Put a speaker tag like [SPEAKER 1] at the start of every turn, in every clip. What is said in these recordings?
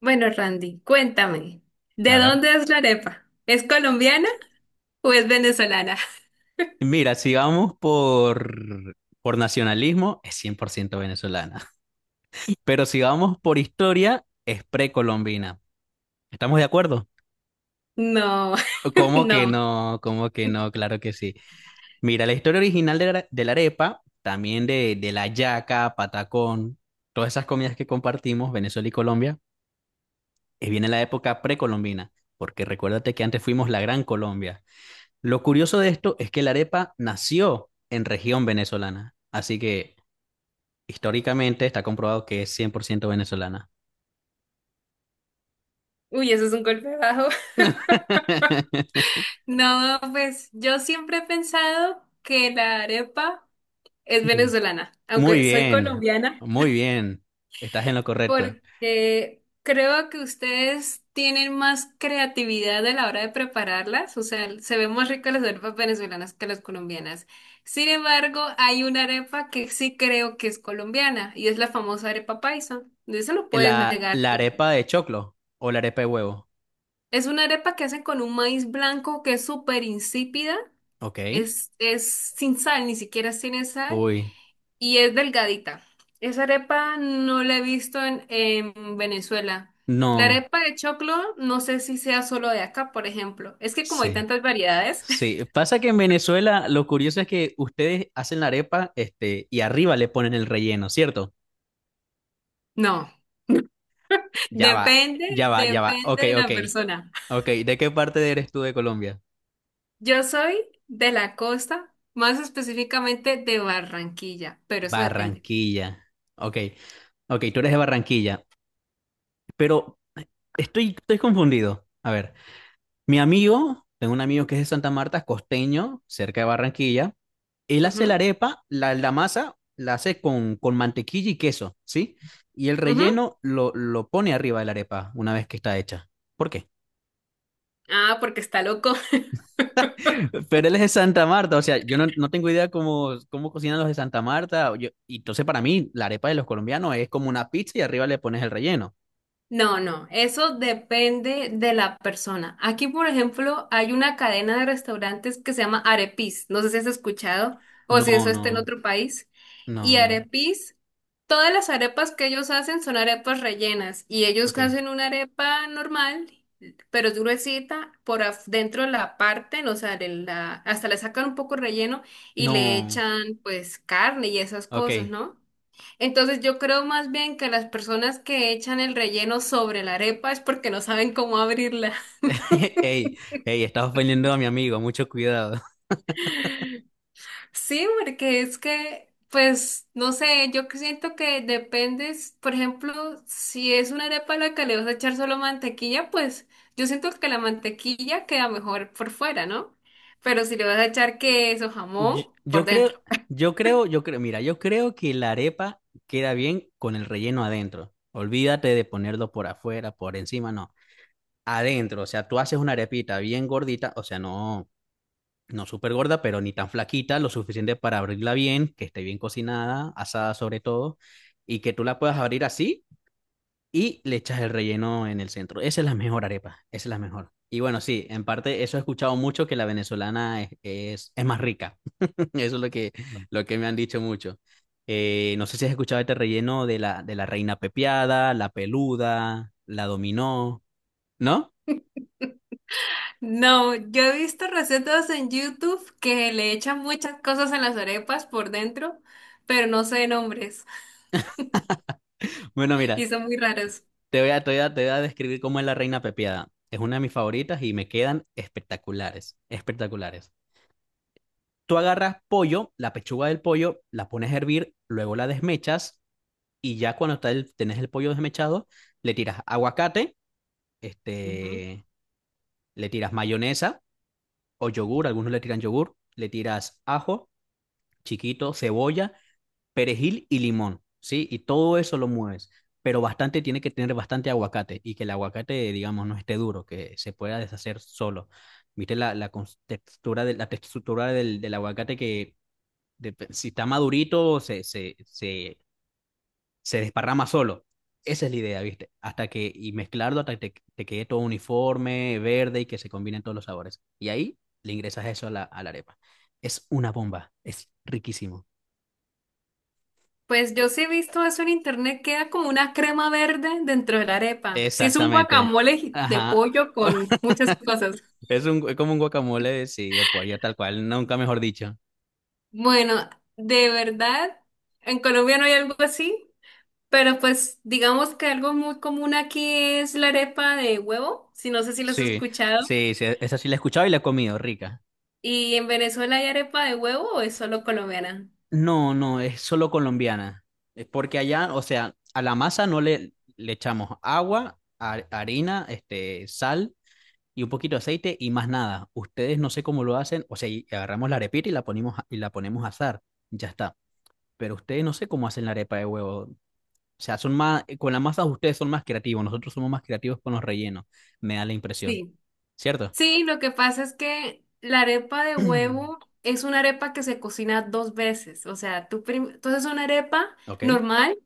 [SPEAKER 1] Bueno, Randy, cuéntame, ¿de
[SPEAKER 2] A ver.
[SPEAKER 1] dónde es la arepa? ¿Es colombiana o es venezolana?
[SPEAKER 2] Mira, si vamos por nacionalismo, es 100% venezolana. Pero si vamos por historia, es precolombina. ¿Estamos de acuerdo?
[SPEAKER 1] No,
[SPEAKER 2] ¿Cómo que
[SPEAKER 1] no.
[SPEAKER 2] no? ¿Cómo que no? Claro que sí. Mira, la historia original de la arepa, también de la yaca, patacón, todas esas comidas que compartimos, Venezuela y Colombia, viene en la época precolombina, porque recuérdate que antes fuimos la Gran Colombia. Lo curioso de esto es que la arepa nació en región venezolana, así que históricamente está comprobado que es 100% venezolana.
[SPEAKER 1] Uy, eso es un golpe bajo. No, pues yo siempre he pensado que la arepa es
[SPEAKER 2] Mm.
[SPEAKER 1] venezolana,
[SPEAKER 2] Muy
[SPEAKER 1] aunque soy
[SPEAKER 2] bien,
[SPEAKER 1] colombiana.
[SPEAKER 2] muy bien. Estás en lo correcto.
[SPEAKER 1] Porque creo que ustedes tienen más creatividad a la hora de prepararlas, o sea, se ven más ricas las arepas venezolanas que las colombianas. Sin embargo, hay una arepa que sí creo que es colombiana y es la famosa arepa paisa. De eso no puedes
[SPEAKER 2] La,
[SPEAKER 1] negar.
[SPEAKER 2] la arepa de choclo o la arepa de huevo.
[SPEAKER 1] Es una arepa que hacen con un maíz blanco que es súper insípida,
[SPEAKER 2] Ok.
[SPEAKER 1] es sin sal, ni siquiera tiene sal.
[SPEAKER 2] Uy,
[SPEAKER 1] Y es delgadita. Esa arepa no la he visto en Venezuela. La
[SPEAKER 2] no.
[SPEAKER 1] arepa de choclo, no sé si sea solo de acá, por ejemplo. Es que como hay
[SPEAKER 2] Sí,
[SPEAKER 1] tantas variedades,
[SPEAKER 2] sí. Pasa que en Venezuela lo curioso es que ustedes hacen la arepa, y arriba le ponen el relleno, ¿cierto?
[SPEAKER 1] no.
[SPEAKER 2] Ya va,
[SPEAKER 1] Depende,
[SPEAKER 2] ya va, ya va. Ok,
[SPEAKER 1] depende de
[SPEAKER 2] ok.
[SPEAKER 1] la persona.
[SPEAKER 2] Ok, ¿de qué parte eres tú de Colombia?
[SPEAKER 1] Yo soy de la costa, más específicamente de Barranquilla, pero eso depende.
[SPEAKER 2] Barranquilla. Ok, ok, tú eres de Barranquilla. Pero estoy confundido. A ver, mi amigo, tengo un amigo que es de Santa Marta, es costeño, cerca de Barranquilla. Él hace la arepa, la masa la hace con mantequilla y queso, ¿sí? Y el
[SPEAKER 1] Ujú, ujú.
[SPEAKER 2] relleno lo pone arriba de la arepa una vez que está hecha. ¿Por qué?
[SPEAKER 1] Ah, porque está loco.
[SPEAKER 2] Pero él es de Santa Marta, o sea, yo no, no tengo idea cómo cocinan los de Santa Marta. Y entonces para mí la arepa de los colombianos es como una pizza y arriba le pones el relleno.
[SPEAKER 1] No, no, eso depende de la persona. Aquí, por ejemplo, hay una cadena de restaurantes que se llama Arepis. No sé si has escuchado o si
[SPEAKER 2] No,
[SPEAKER 1] eso está en
[SPEAKER 2] no,
[SPEAKER 1] otro país. Y
[SPEAKER 2] no, no.
[SPEAKER 1] Arepis, todas las arepas que ellos hacen son arepas rellenas y ellos
[SPEAKER 2] Ok.
[SPEAKER 1] hacen una arepa normal, pero es gruesita, dentro la parten, o sea, hasta le sacan un poco relleno y le
[SPEAKER 2] No,
[SPEAKER 1] echan pues carne y esas
[SPEAKER 2] ok.
[SPEAKER 1] cosas, ¿no? Entonces yo creo más bien que las personas que echan el relleno sobre la arepa es porque no saben cómo abrirla.
[SPEAKER 2] Ey, ey, estás ofendiendo a mi amigo, mucho cuidado.
[SPEAKER 1] Sí, porque es que, pues, no sé, yo que siento que depende, por ejemplo, si es una arepa a la que le vas a echar solo mantequilla, pues yo siento que la mantequilla queda mejor por fuera, ¿no? Pero si le vas a echar queso,
[SPEAKER 2] Yo,
[SPEAKER 1] jamón, por
[SPEAKER 2] yo
[SPEAKER 1] dentro.
[SPEAKER 2] creo, yo creo, mira, yo creo que la arepa queda bien con el relleno adentro. Olvídate de ponerlo por afuera, por encima, no. Adentro, o sea, tú haces una arepita bien gordita, o sea, no, no súper gorda, pero ni tan flaquita, lo suficiente para abrirla bien, que esté bien cocinada, asada sobre todo, y que tú la puedas abrir así y le echas el relleno en el centro. Esa es la mejor arepa, esa es la mejor. Y bueno, sí, en parte eso he escuchado mucho que la venezolana es más rica. Eso es lo que me han dicho mucho. No sé si has escuchado este relleno de la reina pepiada, la peluda, la dominó, ¿no?
[SPEAKER 1] No, yo he visto recetas en YouTube que le echan muchas cosas en las arepas por dentro, pero no sé nombres.
[SPEAKER 2] Bueno,
[SPEAKER 1] Y
[SPEAKER 2] mira,
[SPEAKER 1] son muy raros.
[SPEAKER 2] te voy a, te voy a, te voy a describir cómo es la reina pepiada. Es una de mis favoritas y me quedan espectaculares, espectaculares. Tú agarras pollo, la pechuga del pollo, la pones a hervir, luego la desmechas y ya cuando está tenés el pollo desmechado, le tiras aguacate, este, le tiras mayonesa o yogur, algunos le tiran yogur, le tiras ajo chiquito, cebolla, perejil y limón, ¿sí? Y todo eso lo mueves, pero bastante tiene que tener bastante aguacate y que el aguacate, digamos, no esté duro, que se pueda deshacer solo. ¿Viste la textura, la textura del aguacate que si está madurito se desparrama solo? Esa es la idea, ¿viste? Y mezclarlo hasta que te quede todo uniforme, verde y que se combinen todos los sabores. Y ahí le ingresas eso a la arepa. Es una bomba, es riquísimo.
[SPEAKER 1] Pues yo sí he visto eso en internet, queda como una crema verde dentro de la arepa. Sí, es un
[SPEAKER 2] Exactamente.
[SPEAKER 1] guacamole de
[SPEAKER 2] Ajá.
[SPEAKER 1] pollo con muchas cosas.
[SPEAKER 2] Es como un guacamole, sí, de pollo, tal cual, nunca mejor dicho.
[SPEAKER 1] Bueno, de verdad, en Colombia no hay algo así, pero pues digamos que algo muy común aquí es la arepa de huevo, si no sé si lo has
[SPEAKER 2] Sí,
[SPEAKER 1] escuchado.
[SPEAKER 2] sí, sí, esa sí la he escuchado y la he comido, rica.
[SPEAKER 1] ¿Y en Venezuela hay arepa de huevo o es solo colombiana?
[SPEAKER 2] No, no, es solo colombiana. Es porque allá, o sea, a la masa no le echamos agua, harina, sal y un poquito de aceite y más nada. Ustedes no sé cómo lo hacen, o sea, y agarramos la arepita y y la ponemos a asar, ya está. Pero ustedes no sé cómo hacen la arepa de huevo. O sea, son más, con la masa ustedes son más creativos, nosotros somos más creativos con los rellenos, me da la impresión,
[SPEAKER 1] Sí.
[SPEAKER 2] ¿cierto?
[SPEAKER 1] Sí, lo que pasa es que la arepa de huevo es una arepa que se cocina dos veces. O sea, entonces una arepa
[SPEAKER 2] Ok,
[SPEAKER 1] normal,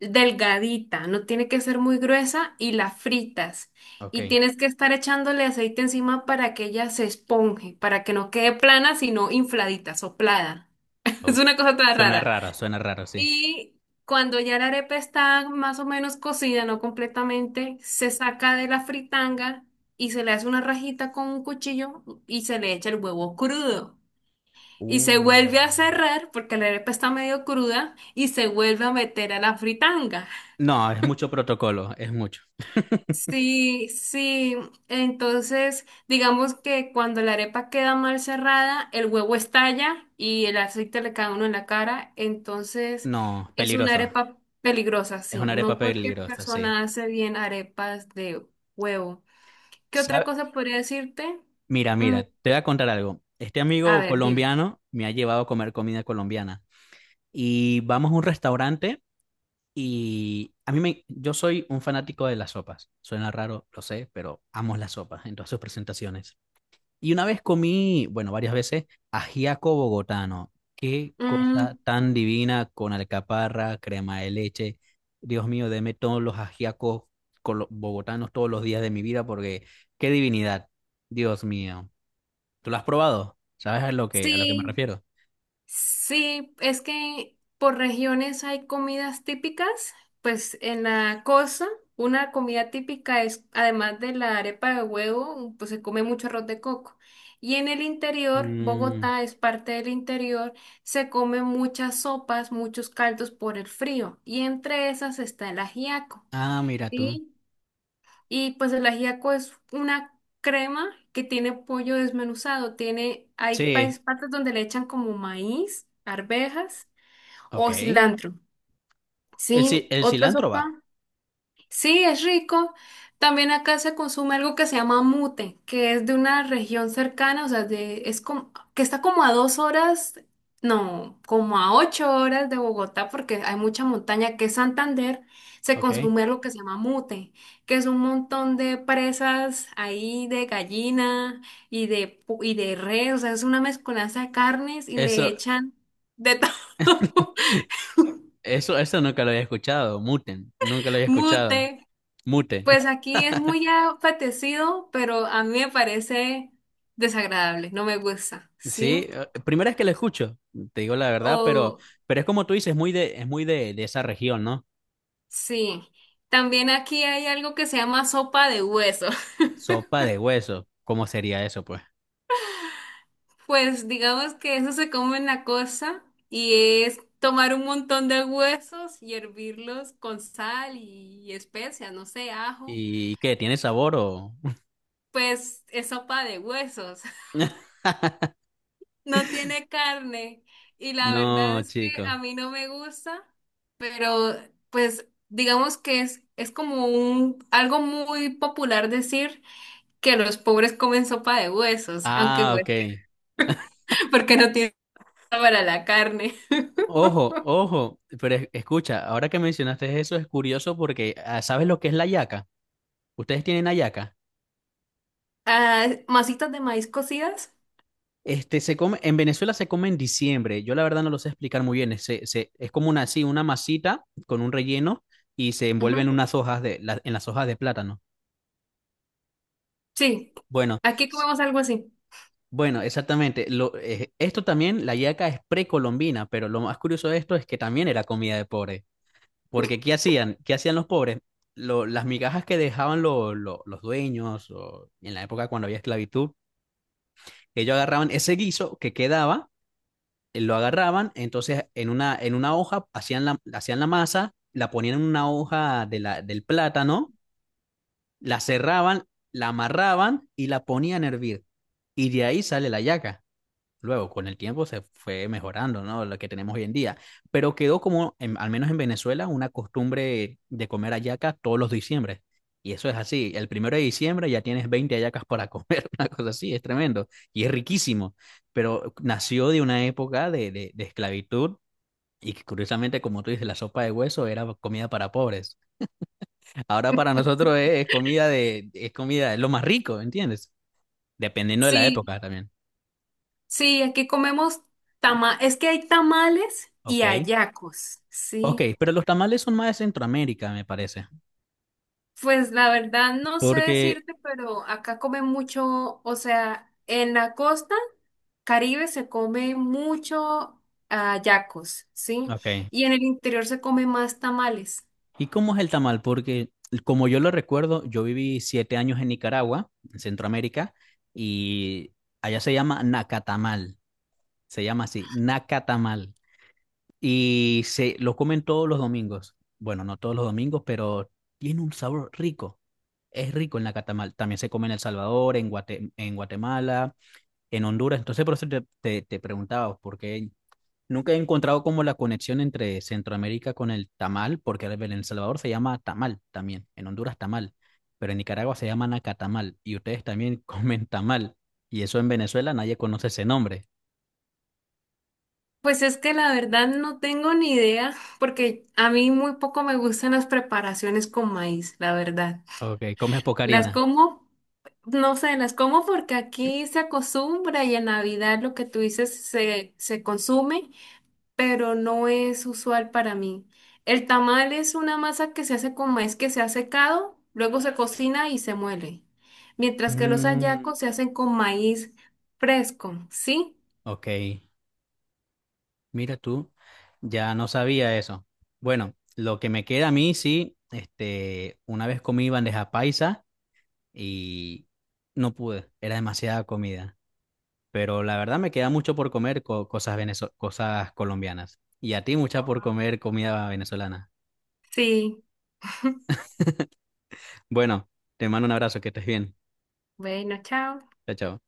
[SPEAKER 1] delgadita, no tiene que ser muy gruesa y la fritas.
[SPEAKER 2] ok.
[SPEAKER 1] Y tienes que estar echándole aceite encima para que ella se esponje, para que no quede plana, sino infladita, soplada.
[SPEAKER 2] o-
[SPEAKER 1] Es una cosa tan rara.
[SPEAKER 2] Suena raro, sí.
[SPEAKER 1] Y cuando ya la arepa está más o menos cocida, no completamente, se saca de la fritanga y se le hace una rajita con un cuchillo y se le echa el huevo crudo. Y se
[SPEAKER 2] Uh.
[SPEAKER 1] vuelve a cerrar porque la arepa está medio cruda y se vuelve a meter a la fritanga.
[SPEAKER 2] No, es mucho protocolo, es mucho.
[SPEAKER 1] Sí, sí. Entonces, digamos que cuando la arepa queda mal cerrada, el huevo estalla y el aceite le cae a uno en la cara. Entonces,
[SPEAKER 2] No,
[SPEAKER 1] es una
[SPEAKER 2] peligroso.
[SPEAKER 1] arepa peligrosa,
[SPEAKER 2] Es
[SPEAKER 1] sí.
[SPEAKER 2] una arepa
[SPEAKER 1] No cualquier
[SPEAKER 2] peligrosa, sí.
[SPEAKER 1] persona hace bien arepas de huevo. ¿Qué otra
[SPEAKER 2] ¿Sabe?
[SPEAKER 1] cosa podría decirte?
[SPEAKER 2] Mira,
[SPEAKER 1] Mm,
[SPEAKER 2] mira, te voy a contar algo. Este
[SPEAKER 1] a
[SPEAKER 2] amigo
[SPEAKER 1] ver, dime.
[SPEAKER 2] colombiano me ha llevado a comer comida colombiana y vamos a un restaurante y yo soy un fanático de las sopas. Suena raro, lo sé, pero amo las sopas en todas sus presentaciones. Y una vez comí, bueno, varias veces, ajiaco bogotano. Qué cosa
[SPEAKER 1] Mm,
[SPEAKER 2] tan divina con alcaparra, crema de leche. Dios mío, deme todos los ajiacos bogotanos todos los días de mi vida porque qué divinidad. Dios mío. ¿Tú lo has probado? ¿Sabes a lo que me
[SPEAKER 1] sí.
[SPEAKER 2] refiero?
[SPEAKER 1] Sí, es que por regiones hay comidas típicas. Pues en la costa, una comida típica es, además de la arepa de huevo, pues se come mucho arroz de coco. Y en el interior,
[SPEAKER 2] Mm,
[SPEAKER 1] Bogotá es parte del interior, se come muchas sopas, muchos caldos por el frío. Y entre esas está el ajiaco.
[SPEAKER 2] ah, mira tú.
[SPEAKER 1] ¿Sí? Y pues el ajiaco es una crema que tiene pollo desmenuzado. Tiene,
[SPEAKER 2] Sí,
[SPEAKER 1] partes donde le echan como maíz, arvejas
[SPEAKER 2] ok.
[SPEAKER 1] o
[SPEAKER 2] El,
[SPEAKER 1] cilantro.
[SPEAKER 2] ci-
[SPEAKER 1] Sí,
[SPEAKER 2] el
[SPEAKER 1] otra
[SPEAKER 2] cilantro
[SPEAKER 1] sopa.
[SPEAKER 2] va,
[SPEAKER 1] Sí, es rico. También acá se consume algo que se llama mute, que es de una región cercana, o sea, de, es como, que está como a dos horas, no, como a ocho horas de Bogotá, porque hay mucha montaña, que es Santander, se
[SPEAKER 2] ok.
[SPEAKER 1] consume lo que se llama mute, que es un montón de presas ahí de gallina y de, y de res, o sea, es una mezcolanza de carnes y le
[SPEAKER 2] Eso,
[SPEAKER 1] echan de todo.
[SPEAKER 2] eso nunca lo había escuchado. Muten, nunca lo había escuchado.
[SPEAKER 1] Mute.
[SPEAKER 2] Mute.
[SPEAKER 1] Pues aquí es muy apetecido, pero a mí me parece desagradable, no me gusta, ¿sí?
[SPEAKER 2] Sí, primera vez que lo escucho, te digo la verdad, pero,
[SPEAKER 1] O
[SPEAKER 2] pero es como tú dices, es muy de esa región, ¿no?
[SPEAKER 1] sí, también aquí hay algo que se llama sopa de hueso.
[SPEAKER 2] Sopa de hueso, ¿cómo sería eso, pues?
[SPEAKER 1] Pues digamos que eso se come en la costa y es tomar un montón de huesos y hervirlos con sal y especias, no sé, ajo.
[SPEAKER 2] ¿Y qué? ¿Tiene sabor o?
[SPEAKER 1] Pues es sopa de huesos. No tiene carne y la verdad
[SPEAKER 2] No,
[SPEAKER 1] es que
[SPEAKER 2] chico.
[SPEAKER 1] a mí no me gusta, pero pues digamos que es como un algo muy popular decir que los pobres comen sopa de huesos, aunque
[SPEAKER 2] Ah,
[SPEAKER 1] pues
[SPEAKER 2] ok.
[SPEAKER 1] porque no tienen para la carne.
[SPEAKER 2] Ojo, ojo, pero escucha, ahora que mencionaste eso es curioso porque ¿sabes lo que es la yaca? ¿Ustedes tienen hallaca?
[SPEAKER 1] Ah, masitas de maíz cocidas.
[SPEAKER 2] Se come, en Venezuela se come en diciembre. Yo la verdad no lo sé explicar muy bien. Es como una, así, una masita con un relleno y se envuelve
[SPEAKER 1] Ujú.
[SPEAKER 2] en unas hojas en las hojas de plátano.
[SPEAKER 1] Sí,
[SPEAKER 2] Bueno,
[SPEAKER 1] aquí
[SPEAKER 2] s-
[SPEAKER 1] comemos algo así.
[SPEAKER 2] bueno, exactamente. Esto también, la yaca es precolombina, pero lo más curioso de esto es que también era comida de pobre. Porque ¿qué hacían? ¿Qué hacían los pobres? Las migajas que dejaban los dueños o en la época cuando había esclavitud, ellos agarraban ese guiso que quedaba, lo agarraban, entonces en una hoja hacían la masa, la ponían en una hoja del plátano, la cerraban, la amarraban y la ponían a hervir. Y de ahí sale la yaca. Luego, con el tiempo se fue mejorando, ¿no? Lo que tenemos hoy en día. Pero quedó como, al menos en Venezuela, una costumbre de comer hallaca todos los diciembre. Y eso es así. El 1 de diciembre ya tienes 20 hallacas para comer, una cosa así, es tremendo. Y es riquísimo. Pero nació de una época de esclavitud y que curiosamente, como tú dices, la sopa de hueso era comida para pobres. Ahora para nosotros es comida de, es comida, es lo más rico, ¿entiendes? Dependiendo de la
[SPEAKER 1] Sí,
[SPEAKER 2] época también.
[SPEAKER 1] sí, aquí comemos tama, es que hay tamales y
[SPEAKER 2] Ok.
[SPEAKER 1] hallacos,
[SPEAKER 2] Ok,
[SPEAKER 1] sí.
[SPEAKER 2] pero los tamales son más de Centroamérica, me parece.
[SPEAKER 1] Pues la verdad no sé
[SPEAKER 2] Porque,
[SPEAKER 1] decirte, pero acá comen mucho, o sea, en la costa Caribe se come mucho ah, yacos, ¿sí?
[SPEAKER 2] ok.
[SPEAKER 1] Y en el interior se come más tamales.
[SPEAKER 2] ¿Y cómo es el tamal? Porque, como yo lo recuerdo, yo viví 7 años en Nicaragua, en Centroamérica, y allá se llama nacatamal. Se llama así, nacatamal. Y se lo comen todos los domingos. Bueno, no todos los domingos, pero tiene un sabor rico. Es rico en la catamal. También se come en El Salvador, en Guatemala, en Honduras. Entonces, por eso te preguntaba, porque nunca he encontrado como la conexión entre Centroamérica con el tamal, porque en El Salvador se llama tamal también, en Honduras tamal, pero en Nicaragua se llama nacatamal y ustedes también comen tamal. Y eso en Venezuela nadie conoce ese nombre.
[SPEAKER 1] Pues es que la verdad no tengo ni idea, porque a mí muy poco me gustan las preparaciones con maíz, la verdad.
[SPEAKER 2] Ok, comes
[SPEAKER 1] Las
[SPEAKER 2] pocarina.
[SPEAKER 1] como, no sé, las como porque aquí se acostumbra y en Navidad lo que tú dices se consume. Pero no es usual para mí. El tamal es una masa que se hace con maíz que se ha secado, luego se cocina y se muele, mientras que los hallacos
[SPEAKER 2] Mm,
[SPEAKER 1] se hacen con maíz fresco, ¿sí?
[SPEAKER 2] ok. Mira tú, ya no sabía eso. Bueno, lo que me queda a mí, sí, una vez comí bandeja paisa y no pude, era demasiada comida. Pero la verdad me queda mucho por comer cosas colombianas. Y a ti mucha por comer comida venezolana.
[SPEAKER 1] Sí.
[SPEAKER 2] Bueno, te mando un abrazo, que estés bien.
[SPEAKER 1] Bueno, chao.
[SPEAKER 2] Chao, chao.